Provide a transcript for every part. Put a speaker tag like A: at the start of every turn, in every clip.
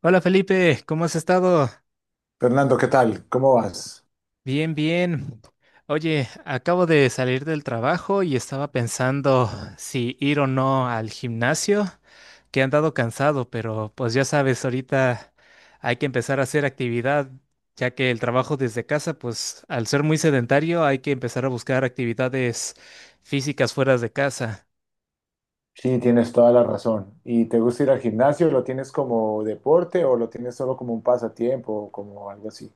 A: Hola Felipe, ¿cómo has estado?
B: Fernando, ¿qué tal? ¿Cómo vas?
A: Bien, bien. Oye, acabo de salir del trabajo y estaba pensando si ir o no al gimnasio, que he andado cansado, pero pues ya sabes, ahorita hay que empezar a hacer actividad, ya que el trabajo desde casa, pues al ser muy sedentario, hay que empezar a buscar actividades físicas fuera de casa.
B: Sí, tienes toda la razón. ¿Y te gusta ir al gimnasio? ¿Lo tienes como deporte o lo tienes solo como un pasatiempo o como algo así?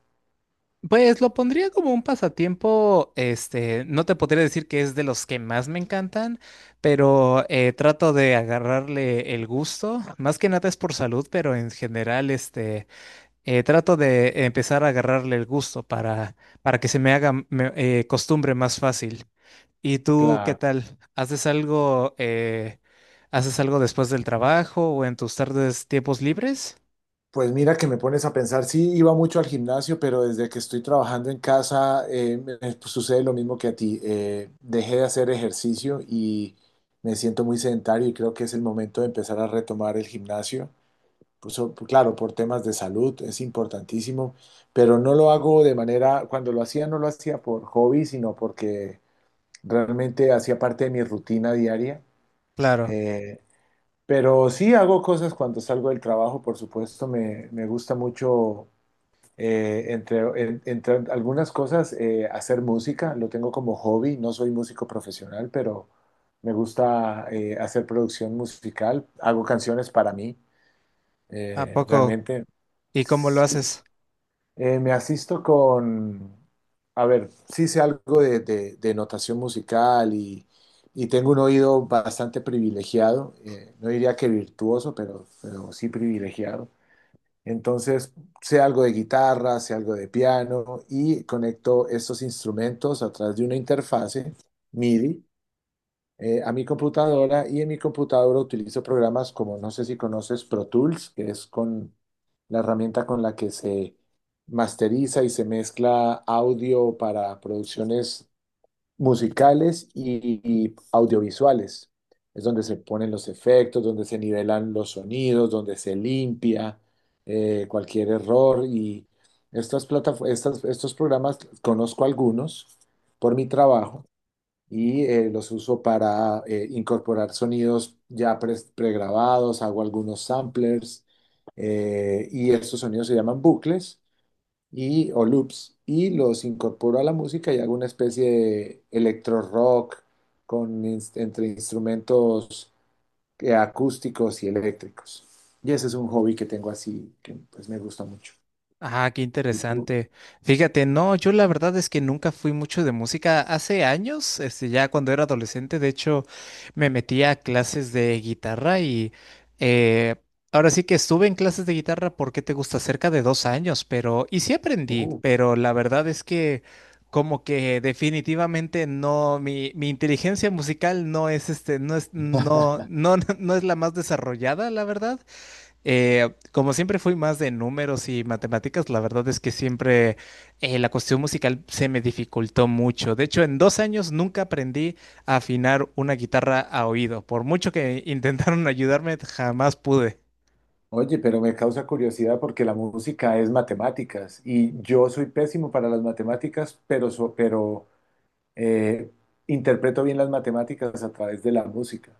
A: Pues lo pondría como un pasatiempo, no te podría decir que es de los que más me encantan, pero trato de agarrarle el gusto, más que nada es por salud, pero en general, trato de empezar a agarrarle el gusto para que se me haga costumbre más fácil. ¿Y tú qué
B: Claro,
A: tal? Haces algo después del trabajo o en tus tardes, tiempos libres?
B: pues mira que me pones a pensar, sí, iba mucho al gimnasio, pero desde que estoy trabajando en casa me sucede lo mismo que a ti. Dejé de hacer ejercicio y me siento muy sedentario y creo que es el momento de empezar a retomar el gimnasio. Pues, claro, por temas de salud es importantísimo, pero no lo hago de manera, cuando lo hacía no lo hacía por hobby, sino porque realmente hacía parte de mi rutina diaria.
A: Claro,
B: Eh, pero sí hago cosas cuando salgo del trabajo, por supuesto, me gusta mucho, entre algunas cosas, hacer música, lo tengo como hobby, no soy músico profesional, pero me gusta hacer producción musical, hago canciones para mí,
A: ¿a poco?
B: realmente.
A: ¿Y cómo lo
B: Sí,
A: haces?
B: Me asisto con, a ver, sí sé algo de, de notación musical y tengo un oído bastante privilegiado, no diría que virtuoso, pero sí privilegiado. Entonces, sé algo de guitarra, sé algo de piano y conecto estos instrumentos a través de una interfase MIDI a mi computadora y en mi computadora utilizo programas como, no sé si conoces Pro Tools, que es con la herramienta con la que se masteriza y se mezcla audio para producciones musicales y audiovisuales. Es donde se ponen los efectos, donde se nivelan los sonidos, donde se limpia cualquier error y estas plataformas, estos programas conozco algunos por mi trabajo y los uso para incorporar sonidos ya pregrabados, hago algunos samplers y estos sonidos se llaman bucles y, o loops y los incorporo a la música y hago una especie de electro rock con, entre instrumentos acústicos y eléctricos. Y ese es un hobby que tengo así, que pues me gusta mucho.
A: Ah, qué
B: ¿Y tú?
A: interesante. Fíjate, no, yo la verdad es que nunca fui mucho de música. Hace años, ya cuando era adolescente, de hecho, me metí a clases de guitarra y eh, ahora sí que estuve en clases de guitarra porque te gusta cerca de 2 años, pero y sí aprendí,
B: Oh.
A: pero la verdad es que como que definitivamente no, mi inteligencia musical no es este, no es, no, no, no es la más desarrollada, la verdad. Como siempre fui más de números y matemáticas, la verdad es que siempre la cuestión musical se me dificultó mucho. De hecho, en 2 años nunca aprendí a afinar una guitarra a oído. Por mucho que intentaron ayudarme, jamás pude.
B: Oye, pero me causa curiosidad porque la música es matemáticas y yo soy pésimo para las matemáticas, pero eh, interpreto bien las matemáticas a través de la música.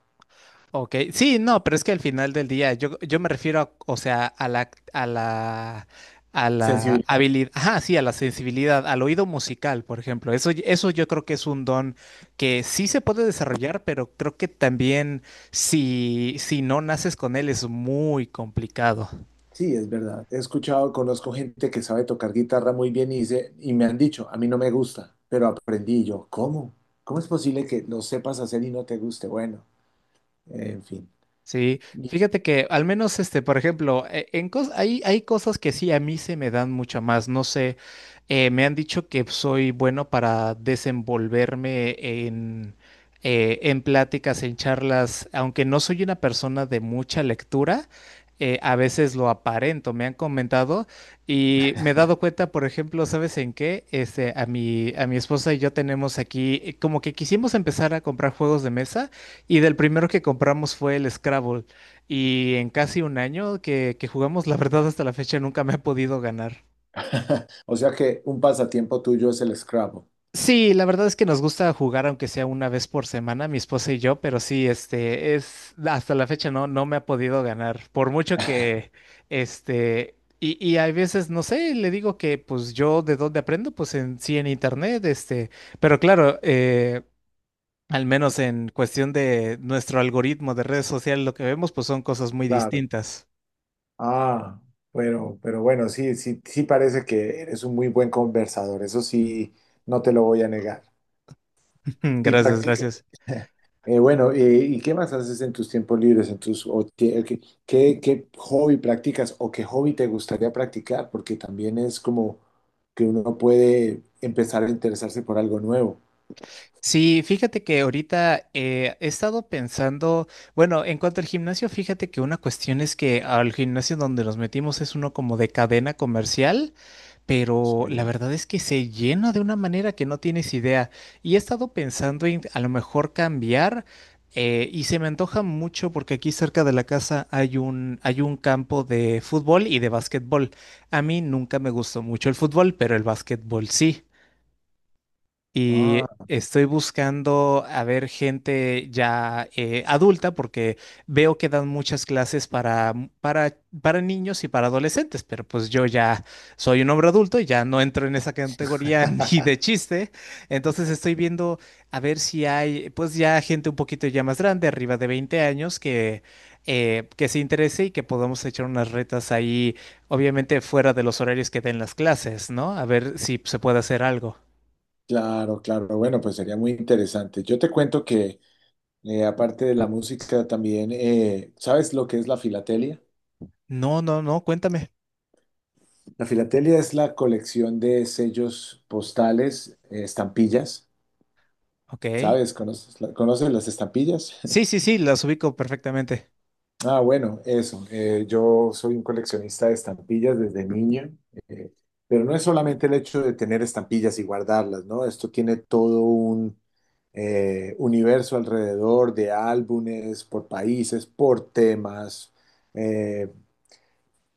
A: OK, sí, no, pero es que al final del día, yo me refiero a, o sea, a la, a la
B: Sensibilidad,
A: habilidad, ajá, sí, a la sensibilidad, al oído musical, por ejemplo. Eso, eso yo creo que es un don que sí se puede desarrollar, pero creo que también si no naces con él es muy complicado.
B: sí, es verdad. He escuchado, conozco gente que sabe tocar guitarra muy bien y, dice, y me han dicho, a mí no me gusta, pero aprendí. Y yo, ¿cómo? ¿Cómo es posible que lo sepas hacer y no te guste? Bueno, en fin.
A: Sí, fíjate que al menos por ejemplo, hay cosas que sí a mí se me dan mucho más. No sé, me han dicho que soy bueno para desenvolverme en pláticas, en charlas, aunque no soy una persona de mucha lectura, a veces lo aparento, me han comentado y me he dado cuenta, por ejemplo, ¿sabes en qué? A mi esposa y yo tenemos aquí, como que quisimos empezar a comprar juegos de mesa. Y del primero que compramos fue el Scrabble. Y en casi un año que jugamos, la verdad hasta la fecha nunca me ha podido ganar.
B: O sea que un pasatiempo tuyo es el Scrabble.
A: Sí, la verdad es que nos gusta jugar aunque sea una vez por semana, mi esposa y yo, pero sí, hasta la fecha no me ha podido ganar. Por mucho que, y hay veces, no sé, le digo que pues yo de dónde aprendo, pues sí en internet, pero claro, al menos en cuestión de nuestro algoritmo de redes sociales, lo que vemos pues son cosas muy
B: Claro.
A: distintas.
B: Ah, bueno, pero bueno, sí, sí, sí, parece que eres un muy buen conversador, eso sí, no te lo voy a negar.
A: Mm,
B: Y
A: gracias,
B: practica,
A: gracias.
B: bueno, ¿y qué más haces en tus tiempos libres, en tus, o qué hobby practicas o qué hobby te gustaría practicar? Porque también es como que uno puede empezar a interesarse por algo nuevo.
A: Sí, fíjate que ahorita he estado pensando, bueno, en cuanto al gimnasio, fíjate que una cuestión es que al gimnasio donde nos metimos es uno como de cadena comercial, pero la
B: Sí.
A: verdad es que se llena de una manera que no tienes idea. Y he estado pensando en a lo mejor cambiar y se me antoja mucho porque aquí cerca de la casa hay un campo de fútbol y de básquetbol. A mí nunca me gustó mucho el fútbol, pero el básquetbol sí. Y
B: Ah,
A: estoy buscando a ver gente ya adulta porque veo que dan muchas clases para, para, para niños y para adolescentes, pero pues yo ya soy un hombre adulto y ya no entro en esa categoría ni de chiste. Entonces estoy viendo a ver si hay pues ya gente un poquito ya más grande, arriba de 20 años, que se interese y que podamos echar unas retas ahí, obviamente fuera de los horarios que den las clases, ¿no? A ver si se puede hacer algo.
B: claro, claro, bueno, pues sería muy interesante. Yo te cuento que aparte de la música, también, ¿sabes lo que es la filatelia?
A: No, no, no, cuéntame.
B: La filatelia es la colección de sellos postales, estampillas.
A: OK.
B: ¿Sabes? ¿Conoces, conoces las estampillas?
A: Sí, sí, sí, las ubico perfectamente.
B: Ah, bueno, eso. Yo soy un coleccionista de estampillas desde niño, eh, pero no es solamente el hecho de tener estampillas y guardarlas, ¿no? Esto tiene todo un universo alrededor de álbumes, por países, por temas. eh,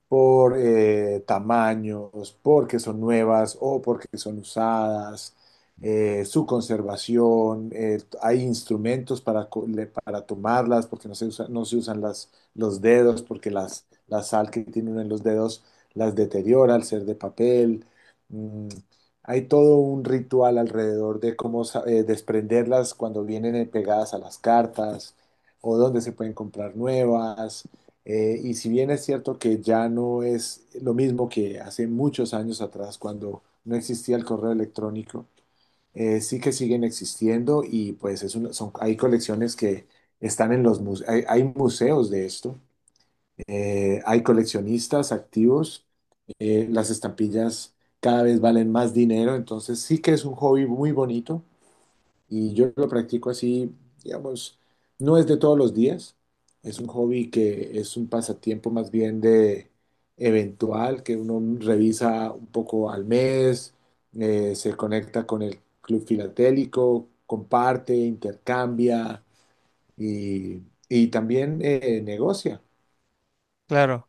B: por tamaños, porque son nuevas o porque son usadas, su conservación, hay instrumentos para, para tomarlas, porque no se usan las, los dedos, porque las, la sal que tienen en los dedos las deteriora al ser de papel. Mm, hay todo un ritual alrededor de cómo desprenderlas cuando vienen pegadas a las cartas o dónde se pueden comprar nuevas. Y si bien es cierto que ya no es lo mismo que hace muchos años atrás, cuando no existía el correo electrónico, sí que siguen existiendo y pues es son, hay, colecciones que están en los museos, hay museos de esto, hay coleccionistas activos, las estampillas cada vez valen más dinero, entonces sí que es un hobby muy bonito. Y yo lo practico así, digamos, no es de todos los días, es un hobby que es un pasatiempo más bien de eventual, que uno revisa un poco al mes, se conecta con el club filatélico, comparte, intercambia y, y también negocia
A: Claro.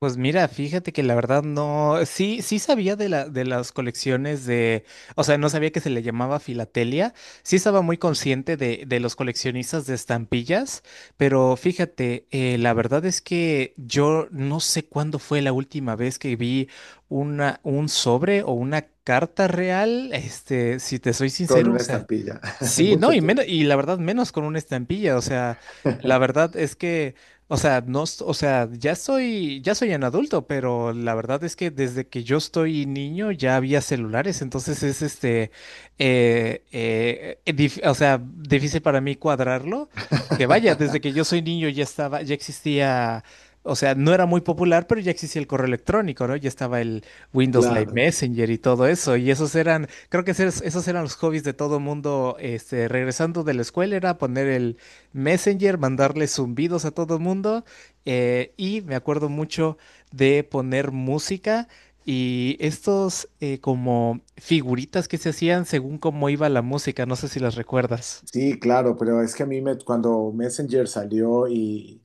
A: Pues mira, fíjate que la verdad no, sí, sí sabía de la, de las colecciones de, o sea, no sabía que se le llamaba filatelia, sí estaba muy consciente de los coleccionistas de estampillas, pero fíjate, la verdad es que yo no sé cuándo fue la última vez que vi una, un sobre o una carta real, si te soy
B: con
A: sincero, o
B: una
A: sea,
B: estampilla,
A: sí, no,
B: mucho
A: y menos,
B: tiempo.
A: y la verdad menos con una estampilla, o sea, la verdad es que... O sea, no, o sea, ya soy un adulto, pero la verdad es que desde que yo estoy niño ya había celulares, entonces es o sea, difícil para mí cuadrarlo, porque vaya, desde que yo soy niño ya estaba, ya existía, o sea, no era muy popular, pero ya existía el correo electrónico, ¿no? Ya estaba el Windows Live
B: Claro,
A: Messenger y todo eso, y esos eran, creo que esos eran los hobbies de todo mundo, regresando de la escuela era poner el Messenger, mandarle zumbidos a todo el mundo y me acuerdo mucho de poner música y estos como figuritas que se hacían según cómo iba la música, no sé si las recuerdas.
B: sí, claro, pero es que a mí me, cuando Messenger salió y,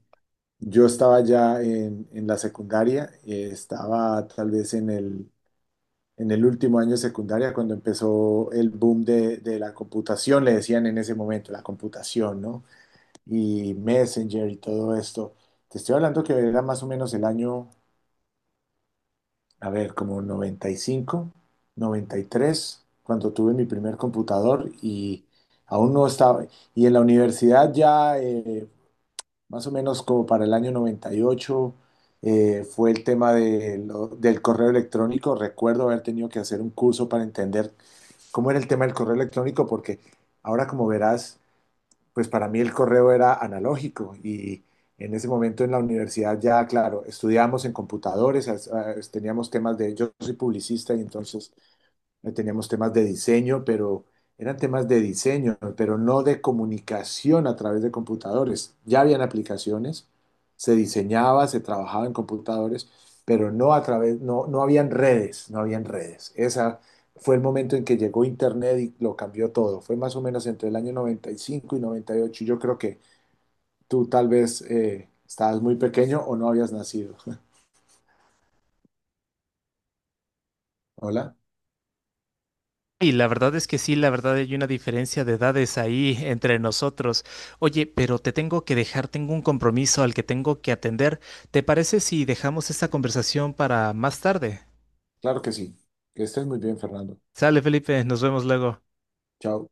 B: yo estaba ya en la secundaria, estaba tal vez en el último año de secundaria cuando empezó el boom de la computación, le decían en ese momento, la computación, ¿no? Y Messenger y todo esto. Te estoy hablando que era más o menos el año, a ver, como 95, 93, cuando tuve mi primer computador y aún no estaba. Y en la universidad ya, más o menos como para el año 98, fue el tema de del correo electrónico. Recuerdo haber tenido que hacer un curso para entender cómo era el tema del correo electrónico, porque ahora como verás, pues para mí el correo era analógico y en ese momento en la universidad ya, claro, estudiábamos en computadores, teníamos temas de, yo soy publicista y entonces teníamos temas de diseño, pero eran temas de diseño, pero no de comunicación a través de computadores. Ya habían aplicaciones, se diseñaba, se trabajaba en computadores, pero no a través, no, no habían redes, no habían redes. Esa fue el momento en que llegó Internet y lo cambió todo. Fue más o menos entre el año noventa y 98. Yo creo que tú tal vez estabas muy pequeño o no habías nacido. Hola,
A: Y la verdad es que sí, la verdad hay una diferencia de edades ahí entre nosotros. Oye, pero te tengo que dejar, tengo un compromiso al que tengo que atender. ¿Te parece si dejamos esta conversación para más tarde?
B: claro que sí. Que estés muy bien, Fernando.
A: Sale, Felipe, nos vemos luego.
B: Chao.